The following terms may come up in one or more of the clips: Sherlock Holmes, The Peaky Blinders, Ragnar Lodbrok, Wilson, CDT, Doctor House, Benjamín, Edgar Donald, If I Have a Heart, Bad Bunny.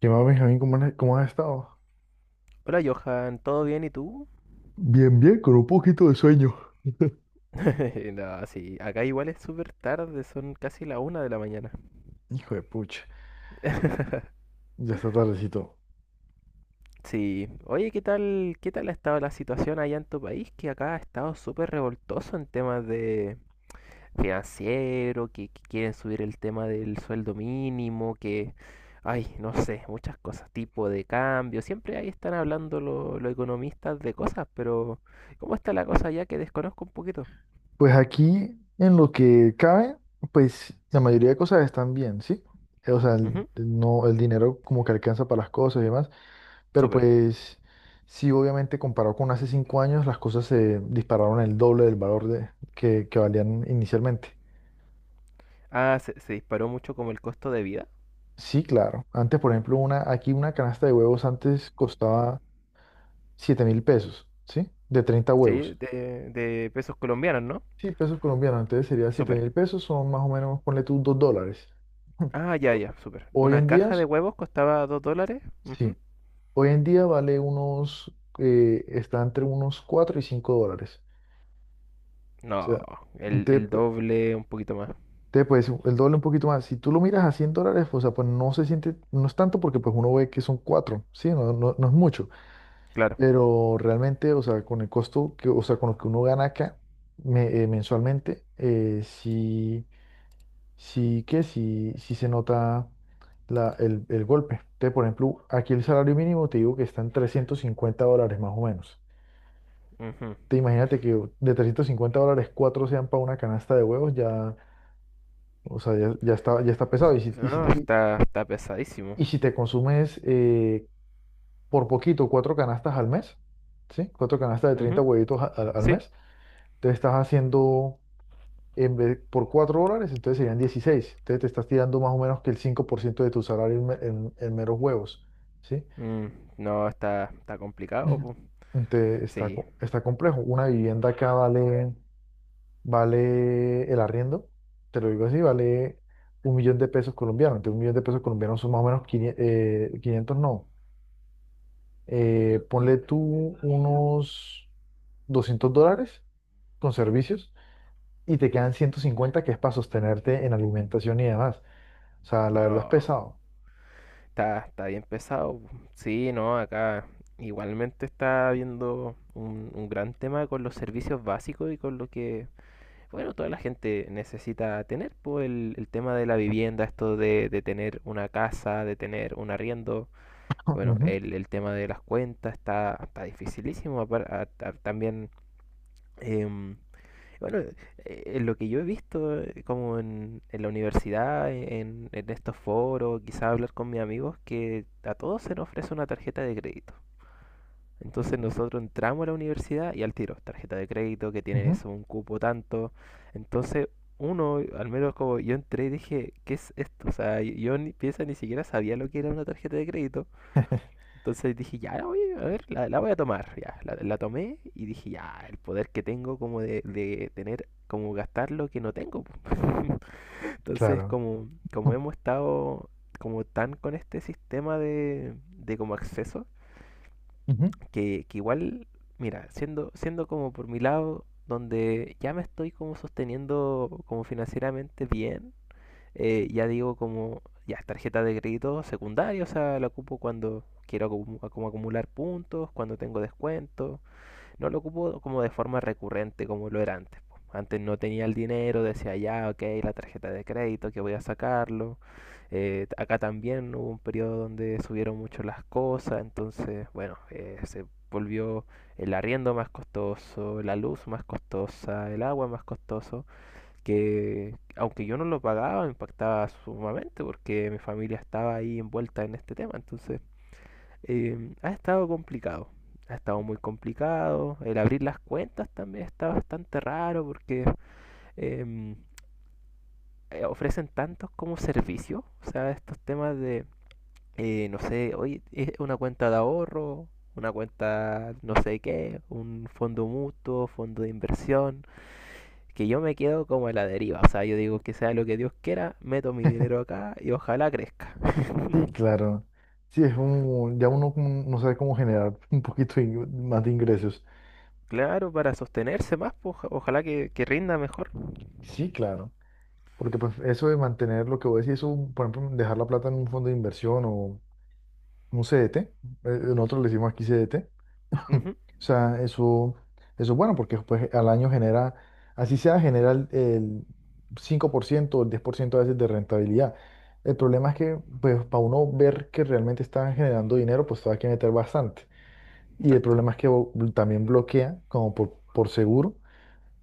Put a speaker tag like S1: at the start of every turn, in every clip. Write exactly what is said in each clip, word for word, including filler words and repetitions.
S1: ¿Qué más, Benjamín? ¿Cómo has, cómo has estado?
S2: Hola Johan, ¿todo bien y tú?
S1: Bien, bien, con un poquito de sueño.
S2: No, sí, acá igual es súper tarde, son casi la una de la mañana.
S1: Hijo de pucha, ya está tardecito.
S2: Sí, oye, ¿qué tal, qué tal ha estado la situación allá en tu país, que acá ha estado súper revoltoso en temas de financiero, que, que quieren subir el tema del sueldo mínimo, que, ay, no sé, muchas cosas, tipo de cambio. Siempre ahí están hablando lo- los economistas de cosas, pero ¿cómo está la cosa allá, que desconozco un poquito?
S1: Pues aquí, en lo que cabe, pues la mayoría de cosas están bien, ¿sí? Eh, O sea, el,
S2: Ujú,
S1: no, el dinero como que alcanza para las cosas y demás, pero
S2: súper.
S1: pues sí, obviamente comparado con hace cinco años, las cosas se dispararon el doble del valor de, que, que valían inicialmente.
S2: Ah, se se disparó mucho como el costo de vida.
S1: Sí, claro. Antes, por ejemplo, una, aquí una canasta de huevos antes costaba siete mil pesos, ¿sí? De treinta
S2: Sí,
S1: huevos.
S2: de, de pesos colombianos, ¿no?
S1: Sí, pesos colombianos, entonces sería siete
S2: Súper.
S1: mil pesos, son más o menos, ponle tú dos dólares.
S2: Ah, ya, ya, súper.
S1: Hoy
S2: Una
S1: en día,
S2: caja de huevos costaba dos dólares. Ujú.
S1: sí, hoy en día vale unos, eh, está entre unos cuatro y cinco dólares. O
S2: No,
S1: sea,
S2: el,
S1: te,
S2: el
S1: pu-
S2: doble, un poquito más.
S1: te, pues el doble un poquito más. Si tú lo miras a cien dólares, o sea, pues no se siente, no es tanto porque pues uno ve que son cuatro, sí, no, no, no es mucho,
S2: Claro.
S1: pero realmente, o sea, con el costo, que, o sea, con lo que uno gana acá me- eh, mensualmente, eh, sí. Sí que sí, sí se nota la- el, el golpe. Entonces, por ejemplo, aquí el salario mínimo te digo que está en trescientos cincuenta dólares más o menos.
S2: Ujú.
S1: Te imagínate que de trescientos cincuenta dólares, cuatro sean para una canasta de huevos, ya, o sea, ya, ya está, ya está pesado. Y si, y si te,
S2: No,
S1: y-
S2: está, está pesadísimo.
S1: si te consumes eh, por poquito cuatro canastas al mes, ¿sí? Cuatro canastas de treinta
S2: Ujú,
S1: huevitos a- al al
S2: sí.
S1: mes, te estás haciendo... en vez- por cuatro dólares, entonces serían dieciséis. Entonces te estás tirando más o menos que el cinco por ciento de tu salario en, me- en- en meros huevos, ¿sí?
S2: Mm, no, está, está complicado,
S1: Ujú.
S2: po.
S1: Entonces está,
S2: Sí,
S1: co- está complejo. Una vivienda acá vale, vale, el arriendo, te lo digo así, vale un millón de pesos colombianos. Entonces un millón de pesos colombianos son más o menos quinientos eh, quinientos no. Eh, ponle tú unos doscientos dólares con servicios y te quedan ciento cincuenta que es para sostenerte en alimentación y demás. O sea, la verdad es
S2: no,
S1: pesado.
S2: Está, está bien pesado, po. Sí, no, acá igualmente está habiendo un, un gran tema con los servicios básicos y con lo que Bueno, toda la gente necesita tener, pues, el, el tema de la vivienda, esto de, de tener una casa, de tener un arriendo. Bueno,
S1: Ujú,
S2: el, el tema de las cuentas está, está dificilísimo, apar- a- a- también. em, bueno, eh, en lo que yo he visto, eh, como en, en la universidad, en, en estos foros, quizá hablar con mis amigos, que a todos se nos ofrece una tarjeta de crédito. Entonces nosotros entramos a la universidad y al tiro, tarjeta de crédito que tiene
S1: ujú.
S2: eso, un cupo tanto. Entonces uno, al menos como yo entré y dije, ¿qué es esto? O sea, yo ni piensa ni siquiera sabía lo que era una tarjeta de crédito. Entonces dije, ya, oye, a ver, la, la voy a tomar. Ya, la, la tomé y dije, ya, el poder que tengo como de, de, tener, como gastar lo que no tengo, po". Entonces,
S1: Claro.
S2: como, como, hemos estado como tan con este sistema de, de como acceso,
S1: Ujú.
S2: que, que igual, mira, siendo, siendo como por mi lado, donde ya me estoy como sosteniendo como financieramente bien. Eh, ya digo como, ya, tarjeta de crédito secundaria, o sea, la ocupo cuando quiero acumu- como acumular puntos. Cuando tengo descuentos no lo ocupo como de forma recurrente como lo era antes. Antes no tenía el dinero, decía, ya, ok, la tarjeta de crédito, que voy a sacarlo. Eh, acá también hubo un periodo donde subieron mucho las cosas, entonces, bueno, eh, se volvió el arriendo más costoso, la luz más costosa, el agua más costoso, que aunque yo no lo pagaba, me impactaba sumamente porque mi familia estaba ahí envuelta en este tema. Entonces, eh, ha estado complicado. Ha estado muy complicado. El abrir las cuentas también está bastante raro porque em, eh, ofrecen tantos como servicios. O sea, estos temas de, eh, no sé, hoy es una cuenta de ahorro, una cuenta no sé qué, un fondo mutuo, fondo de inversión. Que yo me quedo como a la deriva. O sea, yo digo, que sea lo que Dios quiera, meto mi dinero acá y ojalá crezca.
S1: Sí, claro. Sí, es un, ya uno como no sabe cómo generar un poquito de ing- más de ingresos.
S2: Claro, para sostenerse más, pues, ojalá que, que rinda mejor.
S1: Sí, claro. Porque pues, eso de mantener lo que voy a decir, eso, por ejemplo, dejar la plata en un fondo de inversión o un C D T, eh, nosotros le decimos aquí C D T. O
S2: Ujú.
S1: sea, eso, eso es bueno porque pues, al año genera, así sea, genera el, el cinco por ciento o el diez por ciento a veces de rentabilidad. El problema es que, pues, para uno ver que realmente están generando dinero, pues, hay que meter bastante. Y el
S2: Exacto.
S1: problema es que bo- también bloquea, como por, por seguro,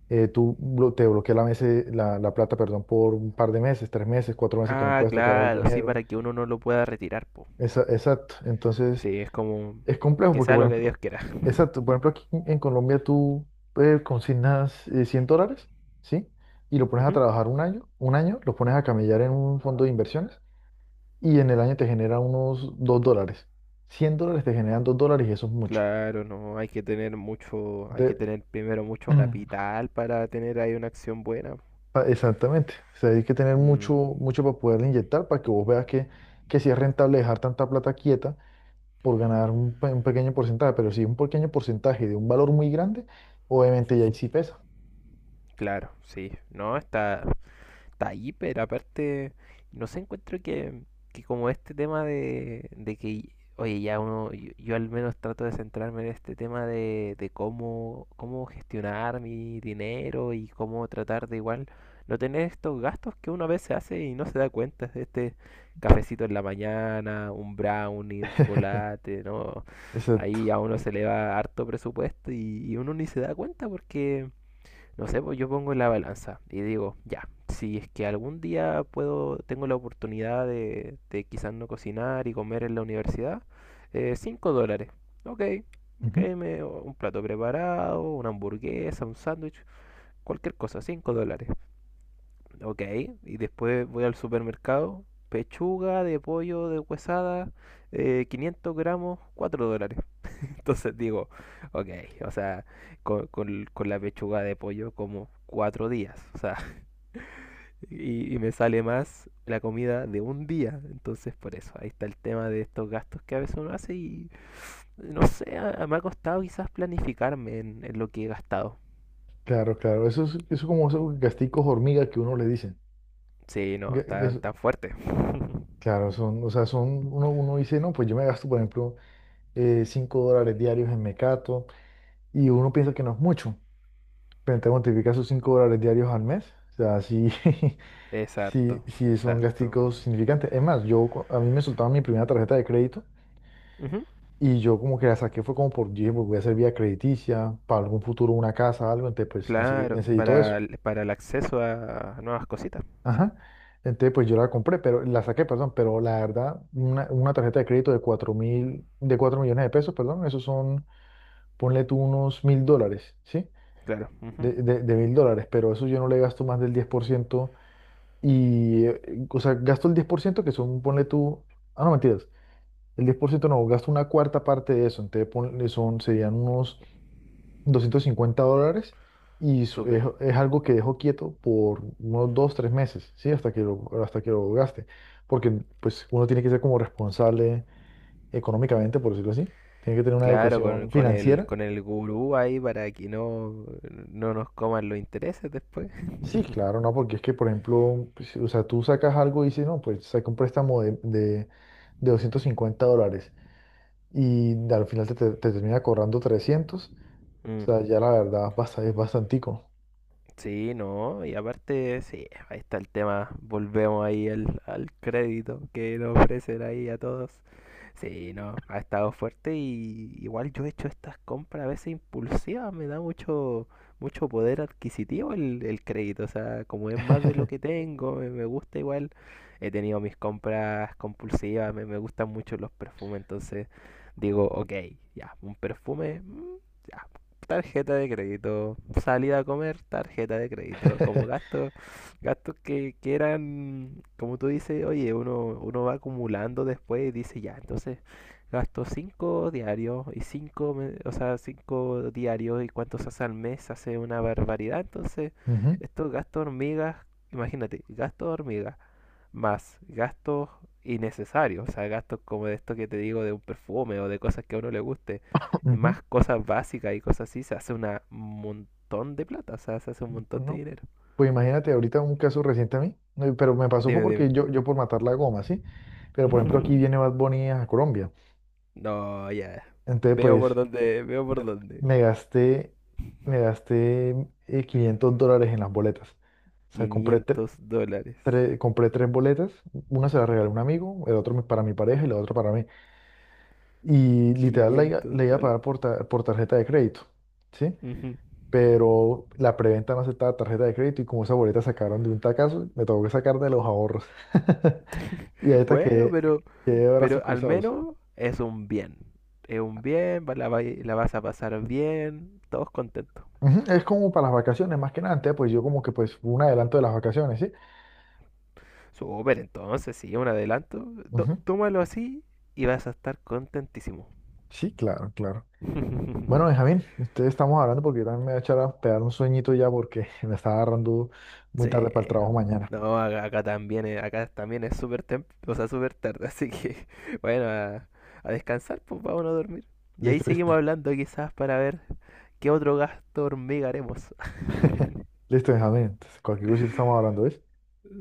S1: eh, tú blo- te bloquea la, mese- la, la plata, perdón, por un par de meses, tres meses, cuatro meses que no
S2: Ah,
S1: puedes tocar el
S2: claro, sí,
S1: dinero.
S2: para que uno no lo pueda retirar, po.
S1: Esa- exacto. Entonces,
S2: Sí, es como
S1: es complejo
S2: que
S1: porque,
S2: sea
S1: por
S2: lo que
S1: ejemplo,
S2: Dios quiera.
S1: exacto, por ejemplo, aquí en en Colombia tú eh, consignas eh, cien dólares, ¿sí? Y lo pones a
S2: Ujú.
S1: trabajar un año, un año, lo pones a camellar en un fondo de inversiones y en el año te genera unos dos dólares. Cien dólares te generan dos dólares y eso es mucho.
S2: Claro, no, hay que tener mucho, hay que
S1: Entonces,
S2: tener primero mucho capital para tener ahí una acción buena.
S1: pa- exactamente, o sea, hay que tener
S2: Mm.
S1: mucho, mucho para poderle inyectar para que vos veas que, que sí es rentable dejar tanta plata quieta por ganar un, pe- un pequeño porcentaje, pero si un pequeño porcentaje de un valor muy grande, obviamente ya ahí sí pesa.
S2: Claro, sí. No, está, está ahí, pero aparte, no sé, encuentro que, que como este tema de, de que, oye, ya uno, yo, yo al menos trato de centrarme en este tema de, de cómo, cómo gestionar mi dinero y cómo tratar de igual no tener estos gastos que uno a veces hace y no se da cuenta de este cafecito en la mañana, un brownie, un chocolate, ¿no? Ahí
S1: Exacto.
S2: a uno se le va harto presupuesto, y, y uno ni se da cuenta porque no sé. Pues yo pongo en la balanza y digo, ya, si es que algún día puedo, tengo la oportunidad de, de quizás no cocinar y comer en la universidad, eh, cinco dólares. Ok, ok,
S1: Ujú.
S2: me, un plato preparado, una hamburguesa, un sándwich, cualquier cosa, cinco dólares. Ok, y después voy al supermercado, pechuga de pollo de huesada, eh, quinientos gramos, cuatro dólares. Entonces digo, ok, o sea, con, con- con la pechuga de pollo como cuatro días, o sea, y, y me sale más la comida de un día. Entonces por eso, ahí está el tema de estos gastos que a veces uno hace y no sé, a- me ha costado quizás planificarme en, en lo que he gastado.
S1: Claro, claro. Eso es, eso como esos gasticos hormiga que uno le dicen.
S2: Sí, no,
S1: Ga-
S2: tan,
S1: gas-
S2: tan fuerte.
S1: claro, son, o sea, son, uno, uno dice, no, pues yo me gasto, por ejemplo, eh, cinco dólares diarios en Mecato, y uno piensa que no es mucho, pero entonces multiplica esos cinco dólares diarios al mes. O sea, sí,
S2: Es
S1: sí,
S2: harto,
S1: sí
S2: es
S1: son
S2: harto.
S1: gasticos significantes. Es más, yo, cu- a mí me soltaban mi primera tarjeta de crédito,
S2: Ujú.
S1: y yo como que la saqué, fue como por, dije, pues voy a hacer vía crediticia, para algún futuro una casa, algo, entonces pues nece-
S2: Claro,
S1: necesito eso.
S2: para, el- para el acceso a nuevas cositas, sí,
S1: Ajá. Entonces, pues yo la compré, pero la saqué, perdón, pero la verdad, una, una tarjeta de crédito de cuatro mil, de cuatro millones de pesos, perdón, esos son, ponle tú unos mil dólares, ¿sí?
S2: claro, ujú.
S1: De, de, de mil dólares, pero eso yo no le gasto más del diez por ciento y, eh, o sea, gasto el diez por ciento que son, ponle tú, ah, no, mentiras, el diez por ciento no, gasto una cuarta parte de eso, entonces ponle, son, serían unos doscientos cincuenta dólares y su-
S2: Súper.
S1: es, es algo que dejo quieto por unos dos, tres meses, ¿sí? Hasta que lo, hasta que lo gaste. Porque pues uno tiene que ser como responsable económicamente, por decirlo así. Tiene que tener una
S2: Claro, con,
S1: educación
S2: con el,
S1: financiera.
S2: con el gurú ahí para que no, no nos coman los intereses después.
S1: Sí, claro, ¿no? Porque es que, por ejemplo, pues, o sea, tú sacas algo y dices, no, pues saca un préstamo de, de, de doscientos cincuenta dólares y al final te, te, te termina cobrando trescientos. O
S2: Mm.
S1: sea, ya la verdad basta, es bastantico.
S2: Sí, no, y aparte, sí, ahí está el tema. Volvemos ahí al, al crédito que nos ofrecen ahí a todos. Sí, no, ha estado fuerte y igual yo he hecho estas compras a veces impulsivas, me da mucho, mucho poder adquisitivo el, el crédito, o sea, como es más de lo que tengo, me, me gusta igual. He tenido mis compras compulsivas, me, me gustan mucho los perfumes, entonces digo, ok, ya, un perfume, mm, ya, tarjeta de crédito, salida a comer, tarjeta de crédito, como gastos, gastos que, que eran, como tú dices, oye, uno, uno va acumulando después y dice, ya, entonces gasto cinco diarios y cinco, o sea, cinco diarios y cuántos hace al mes, hace una barbaridad. Entonces,
S1: Ujú,
S2: estos gastos hormigas, imagínate, gastos hormigas más gastos innecesarios, o sea, gastos como de esto que te digo, de un perfume o de cosas que a uno le guste, y
S1: ujú.
S2: más cosas básicas y cosas así, se hace un montón de plata, o sea, se hace un
S1: Pues,
S2: montón de
S1: ¿no?
S2: dinero.
S1: Pues imagínate, ahorita un caso reciente a mí, no, pero me pasó fue
S2: Dime, dime.
S1: porque yo, yo por matar la goma, ¿sí? Pero por ejemplo aquí viene Bad Bunny a Colombia.
S2: No, ya.
S1: Entonces
S2: Veo por
S1: pues
S2: dónde, veo por dónde.
S1: me gasté, me gasté eh, quinientos dólares en las boletas. O sea, compré, tre-
S2: Quinientos dólares.
S1: tre- compré tres boletas, una se la regalé a un amigo, el otro para mi pareja y la otra para mí. Y literal la iba,
S2: Quinientos
S1: la iba a
S2: dólares.
S1: pagar por, ta- por tarjeta de crédito, ¿sí?
S2: Ujú.
S1: Pero la preventa no aceptaba tarjeta de crédito y como esas boletas sacaron de un tacazo, me tuvo que sacar de los ahorros. Y ahorita
S2: Bueno,
S1: que,
S2: pero,
S1: que de brazos
S2: pero al
S1: cruzados.
S2: menos es un bien. Es un bien, va- la, vai- la vas a pasar bien, todos contentos.
S1: Ujú. Es como para las vacaciones, más que nada. Entonces, pues yo como que pues un adelanto de las vacaciones, ¿sí?
S2: Súper, entonces, sí, un adelanto. To-
S1: Ujú.
S2: tómalo así y vas a estar contentísimo.
S1: Sí, claro, claro. Bueno, Benjamín, ustedes estamos hablando porque yo también me voy a echar a pegar un sueñito ya porque me está agarrando muy
S2: Sí.
S1: tarde para el trabajo mañana.
S2: No, acá, acá también es, acá también es súper tem- o sea, súper tarde, así que bueno, a, a descansar, pues vámonos a dormir. Y ahí
S1: Listo, listo.
S2: seguimos hablando quizás para ver qué otro gasto hormiga haremos.
S1: Listo, Benjamín. Entonces, cualquier cosita estamos hablando, ¿ves?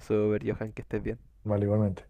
S2: Súper, Johan, que estés bien.
S1: Vale, igualmente.